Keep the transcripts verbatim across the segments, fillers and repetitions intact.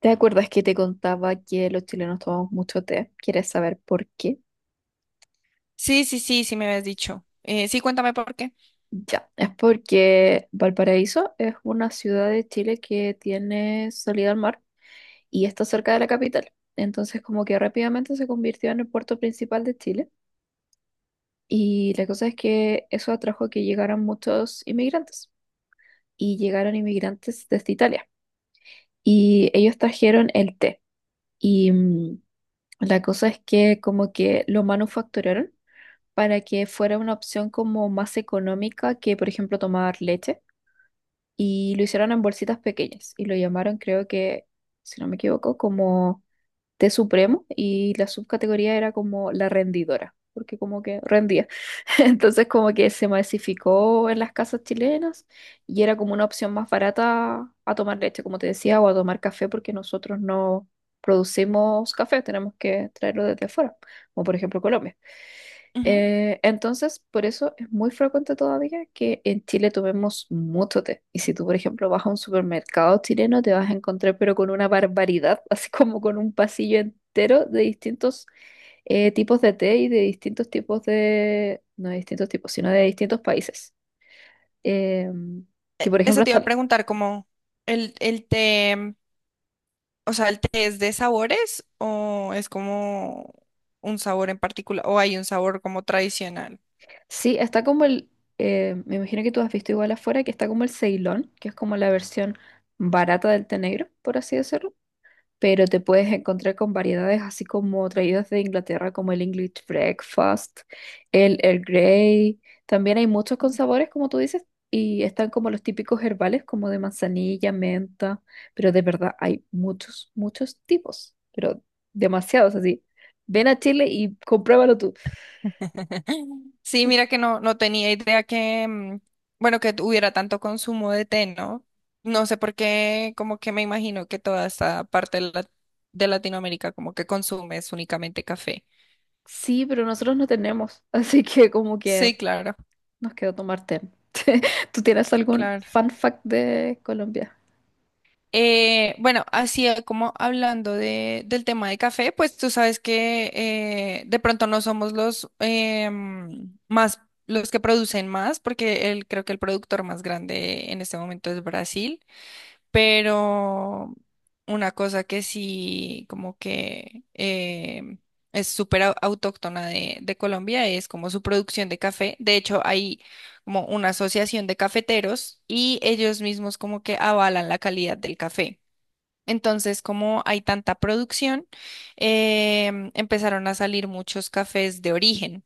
¿Te acuerdas que te contaba que los chilenos tomamos mucho té? ¿Quieres saber por qué? Sí, sí, sí, sí me habías dicho. Eh, sí, cuéntame por qué. Ya, es porque Valparaíso es una ciudad de Chile que tiene salida al mar y está cerca de la capital. Entonces, como que rápidamente se convirtió en el puerto principal de Chile. Y la cosa es que eso atrajo que llegaran muchos inmigrantes y llegaron inmigrantes desde Italia. Y ellos trajeron el té. Y mm, la cosa es que como que lo manufacturaron para que fuera una opción como más económica que, por ejemplo, tomar leche. Y lo hicieron en bolsitas pequeñas y lo llamaron, creo que, si no me equivoco, como té supremo y la subcategoría era como la rendidora, porque como que rendía. Entonces como que se masificó en las casas chilenas y era como una opción más barata a tomar leche, como te decía, o a tomar café, porque nosotros no producimos café, tenemos que traerlo desde afuera, como por ejemplo Colombia. Ujú. Eh, entonces, por eso es muy frecuente todavía que en Chile tomemos mucho té. Y si tú, por ejemplo, vas a un supermercado chileno, te vas a encontrar, pero con una barbaridad, así como con un pasillo entero de distintos eh, tipos de té y de distintos tipos de, no de distintos tipos, sino de distintos países. Eh, que, E- por Eso ejemplo, te iba a está- preguntar, como el, el té. O sea, ¿el té es de sabores o es como un sabor en particular o hay un sabor como tradicional? sí, está como el, eh, me imagino que tú has visto igual afuera, que está como el Ceilón, que es como la versión barata del té negro, por así decirlo. Pero te puedes encontrar con variedades así como traídas de Inglaterra, como el English Breakfast, el Earl Grey. También hay muchos con sabores, como tú dices, y están como los típicos herbales, como de manzanilla, menta, pero de verdad hay muchos, muchos tipos, pero demasiados así. Ven a Chile y compruébalo tú. Sí, mira que no, no tenía idea que, mm, bueno, que hubiera tanto consumo de té, ¿no? No sé por qué, como que me imagino que toda esta parte de, la- de Latinoamérica como que consume es únicamente café. Sí, pero nosotros no tenemos, así que como que Sí, claro, nos quedó tomar té. ¿Tú tienes algún claro. fun fact de Colombia? Eh, bueno, así eh, como hablando de, del tema de café, pues tú sabes que eh, de pronto no somos los em, más, los que producen más, porque el, creo que el productor más grande en este momento es Brasil, pero una cosa que sí como que em, es súper au- autóctona de, de Colombia es como su producción de café. De hecho, hay como una asociación de cafeteros y ellos mismos como que avalan la calidad del café. Entonces, como hay tanta producción, em, empezaron a salir muchos cafés de origen.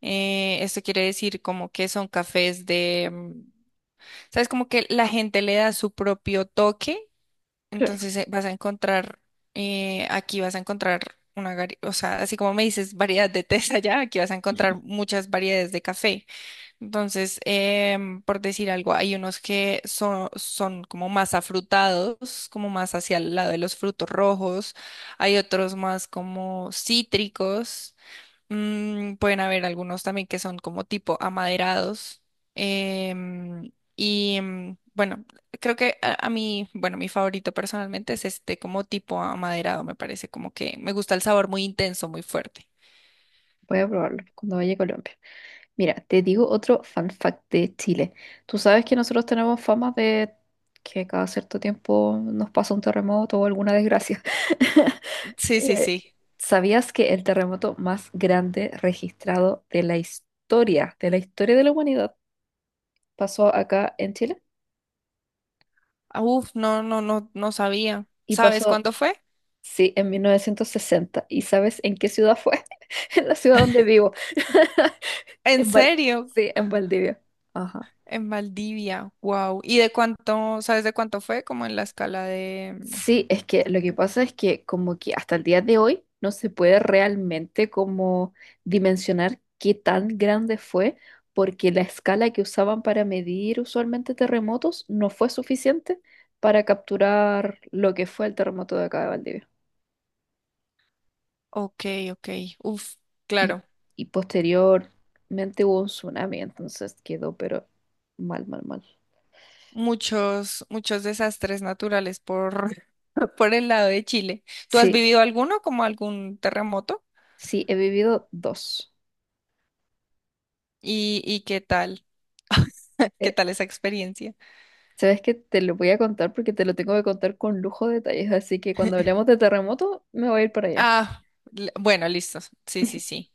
Eh, esto quiere decir como que son cafés de, mm, sabes, como que la gente le da su propio toque. Claro, Entonces eh, vas a encontrar, eh, aquí vas a encontrar una, vari- o sea, así como me dices variedad de tés allá, aquí vas a encontrar muchas variedades de café. Entonces, em, por decir algo, hay unos que son, son como más afrutados, como más hacia el lado de los frutos rojos, hay otros más como cítricos, mm, pueden haber algunos también que son como tipo amaderados. em, y em, bueno, creo que a, a mí, bueno, mi favorito personalmente es este como tipo amaderado, me parece como que me gusta el sabor muy intenso, muy fuerte. voy a probarlo cuando vaya a Colombia. Mira, te digo otro fun fact de Chile. Tú sabes que nosotros tenemos fama de que cada cierto tiempo nos pasa un terremoto o alguna desgracia. Sí, sí, Eh, sí. ¿Sabías que el terremoto más grande registrado de la historia, de la historia de la humanidad, pasó acá en Chile? Ah, uf, no, no, no, no sabía. Y ¿Sabes pasó, cuánto fue? sí, en mil novecientos sesenta. ¿Y sabes en qué ciudad fue? En la ciudad donde vivo. ¿En En Val- serio? sí, en Valdivia. Ajá. En Valdivia, wow. ¿Y de cuánto, sabes de cuánto fue? Como en la escala de mm, Sí, es que lo que pasa es que como que hasta el día de hoy no se puede realmente como dimensionar qué tan grande fue, porque la escala que usaban para medir usualmente terremotos no fue suficiente para capturar lo que fue el terremoto de acá de Valdivia. ok, ok, uf, Y, claro. y posteriormente hubo un tsunami, entonces quedó pero mal, mal, mal. Muchos, muchos desastres naturales por, por el lado de Chile. ¿Tú has Sí, vivido alguno, como algún terremoto? sí, he vivido dos. ¿Y, y qué tal? ¿Qué Eh, tal esa experiencia? Sabes que te lo voy a contar porque te lo tengo que contar con lujo de detalles, así que cuando hablemos de terremoto me voy a ir para allá. Ah, l- bueno, listo. Sí, sí, sí.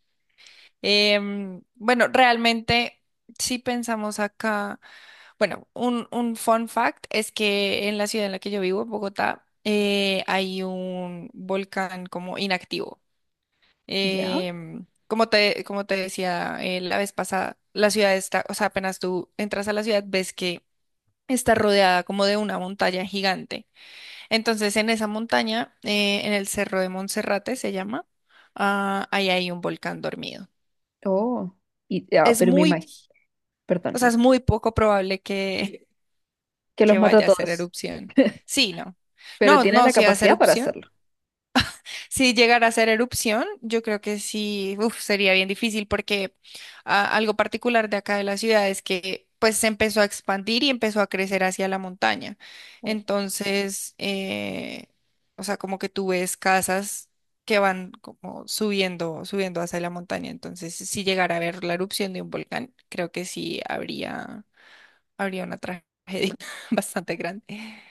Em, bueno, realmente, si pensamos acá, bueno, un, un fun fact es que en la ciudad en la que yo vivo, Bogotá, eh, hay un volcán como inactivo. ¿Ya? Em, como te, como te decía eh, la vez pasada, la ciudad está, o sea, apenas tú entras a la ciudad, ves que está rodeada como de una montaña gigante. Entonces, en esa montaña, eh, en el Cerro de Monserrate se llama, ah, ahí hay un volcán dormido. Oh, y, ah, Es pero me muy, imagino, perdón, o sea, es muy poco probable que, que los que mata a vaya a hacer todos, erupción. Sí, no. pero No, tienen no, la si hace capacidad para erupción. hacerlo. Si llegara a ser erupción, yo creo que sí, uf, sería bien difícil porque ah, algo particular de acá de la ciudad es que pues se empezó a expandir y empezó a crecer hacia la montaña. O Entonces, eh, o sea, como que tú ves casas que van como subiendo, subiendo hacia la montaña. Entonces, si llegara a ver la erupción de un volcán, creo que sí habría, habría una tragedia bastante grande.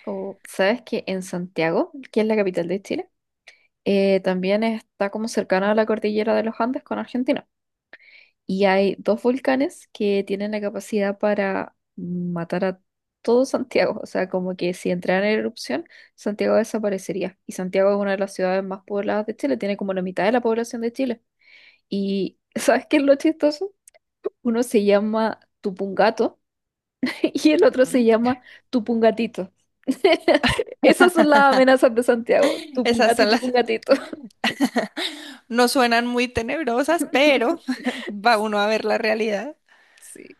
o, ¿Sabes que en Santiago, que es la capital de Chile, eh, también está como cercana a la cordillera de los Andes con Argentina? Y hay dos volcanes que tienen la capacidad para matar a todo Santiago. O sea, como que si entraran en erupción, Santiago desaparecería. Y Santiago es una de las ciudades más pobladas de Chile, tiene como la mitad de la población de Chile. Y ¿sabes qué es lo chistoso? Uno se llama Tupungato y el otro se Ujú. llama Tupungatito. Esas son las amenazas de Santiago, Esas Tupungato y son las. Tupungatito. No suenan muy tenebrosas, pero va uno a ver la realidad. Sí,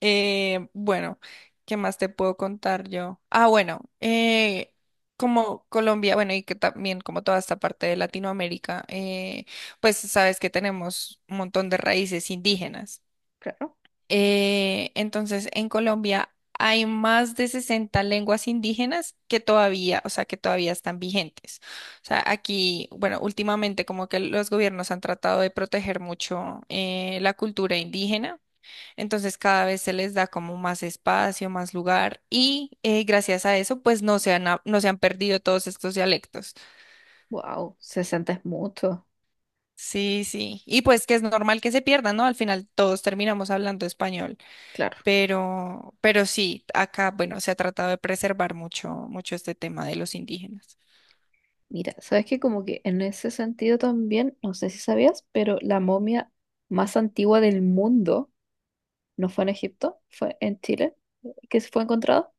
Eh, bueno, ¿qué más te puedo contar yo? Ah, bueno, eh, como Colombia, bueno, y que también como toda esta parte de Latinoamérica, eh, pues sabes que tenemos un montón de raíces indígenas. claro. Eh, entonces, en Colombia hay más de sesenta lenguas indígenas que todavía, o sea, que todavía están vigentes. O sea, aquí, bueno, últimamente como que los gobiernos han tratado de proteger mucho eh, la cultura indígena, entonces cada vez se les da como más espacio, más lugar y eh, gracias a eso, pues no se han, a- no se han perdido todos estos dialectos. Wow, sesenta es mucho, Sí, sí. Y pues que es normal que se pierdan, ¿no? Al final todos terminamos hablando español. claro. Pero, pero sí, acá, bueno, se ha tratado de preservar mucho, mucho este tema de los indígenas. Mira, sabes que como que en ese sentido también, no sé si sabías, pero la momia más antigua del mundo no fue en Egipto, fue en Chile, que se fue encontrada.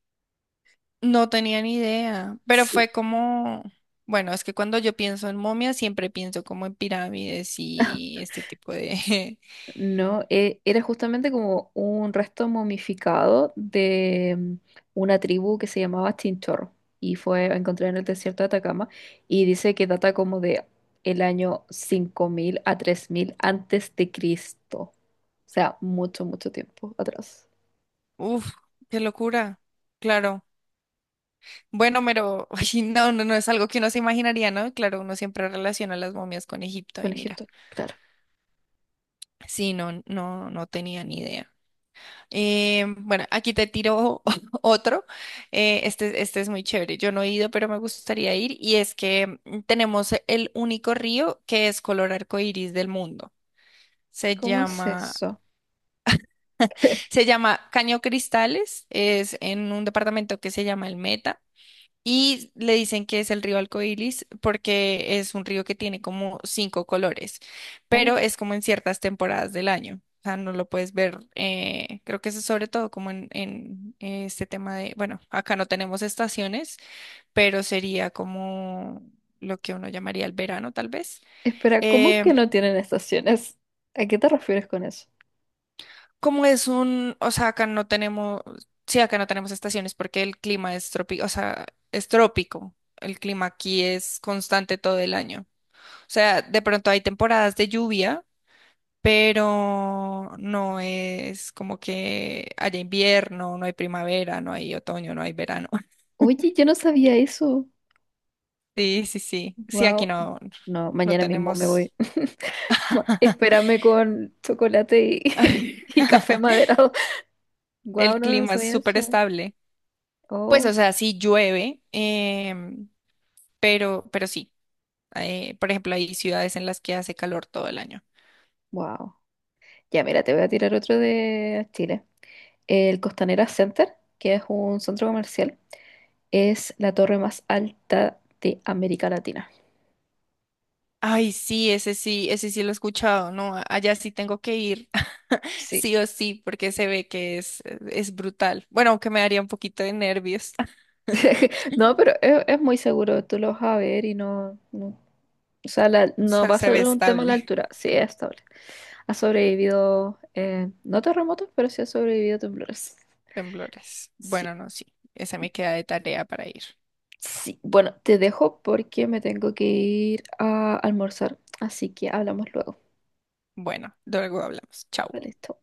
No tenía ni idea, pero Sí. fue como, bueno, es que cuando yo pienso en momias, siempre pienso como en pirámides y este tipo de No, eh, era justamente como un resto momificado de mm, una tribu que se llamaba Chinchorro y fue encontrada en el desierto de Atacama y dice que data como de el año cinco mil a tres mil antes de Cristo. O sea, mucho, mucho tiempo atrás. uf, qué locura, claro. Bueno, pero ay, no, no, no es algo que uno se imaginaría, ¿no? Claro, uno siempre relaciona las momias con Egipto Con y mira. Egipto, claro. Sí, no, no, no tenía ni idea. Eh, bueno, aquí te tiro otro. Eh, este, este es muy chévere. Yo no he ido, pero me gustaría ir. Y es que mm, tenemos el único río que es color arcoíris del mundo. Se ¿Cómo es llama, eso? Se llama Caño Cristales. Es en un departamento que se llama El Meta. Y le dicen que es el río Alcoilis porque es un río que tiene como cinco colores, pero Oh, es como en ciertas temporadas del año. O sea, no lo puedes ver. Eh, creo que eso es sobre todo como en, en eh, este tema de, bueno, acá no tenemos estaciones, pero sería como lo que uno llamaría el verano, tal vez. espera, ¿cómo Eh, que no tienen estaciones? ¿A qué te refieres con eso? Como es un, o sea, acá no tenemos, sí, acá no tenemos estaciones porque el clima es trópico, o sea, es trópico. El clima aquí es constante todo el año. O sea, de pronto hay temporadas de lluvia, pero no es como que haya invierno, no hay primavera, no hay otoño, no hay verano. Oye, yo no sabía eso. Sí, sí, sí. Sí, aquí Wow. no, No, no mañana mismo me voy. tenemos. Bueno, espérame con chocolate y, y café maderado. Wow, El no, no clima es sabía súper eso. estable. Pues, Oh, o sea, sí llueve, em, pero, pero sí. Eh, por ejemplo, hay ciudades en las que hace calor todo el año. wow. Ya, mira, te voy a tirar otro de Chile. El Costanera Center, que es un centro comercial, es la torre más alta de América Latina. Ay, sí, ese sí, ese sí lo he escuchado, no, a- allá sí tengo que ir, Sí. sí o sí, porque se ve que es, es brutal. Bueno, aunque me daría un poquito de nervios, No, pero es, es muy seguro, tú lo vas a ver y no, no- o sea, la- o no sea, va a se ve ser un tema a la estable. altura, sí es estable. Ha sobrevivido, eh, no terremotos, pero sí ha sobrevivido temblores. Temblores. Sí, Bueno, no, sí, esa me queda de tarea para ir. sí. Bueno, te dejo porque me tengo que ir a almorzar, así que hablamos luego. Bueno, luego hablamos, chao. Vale, chao.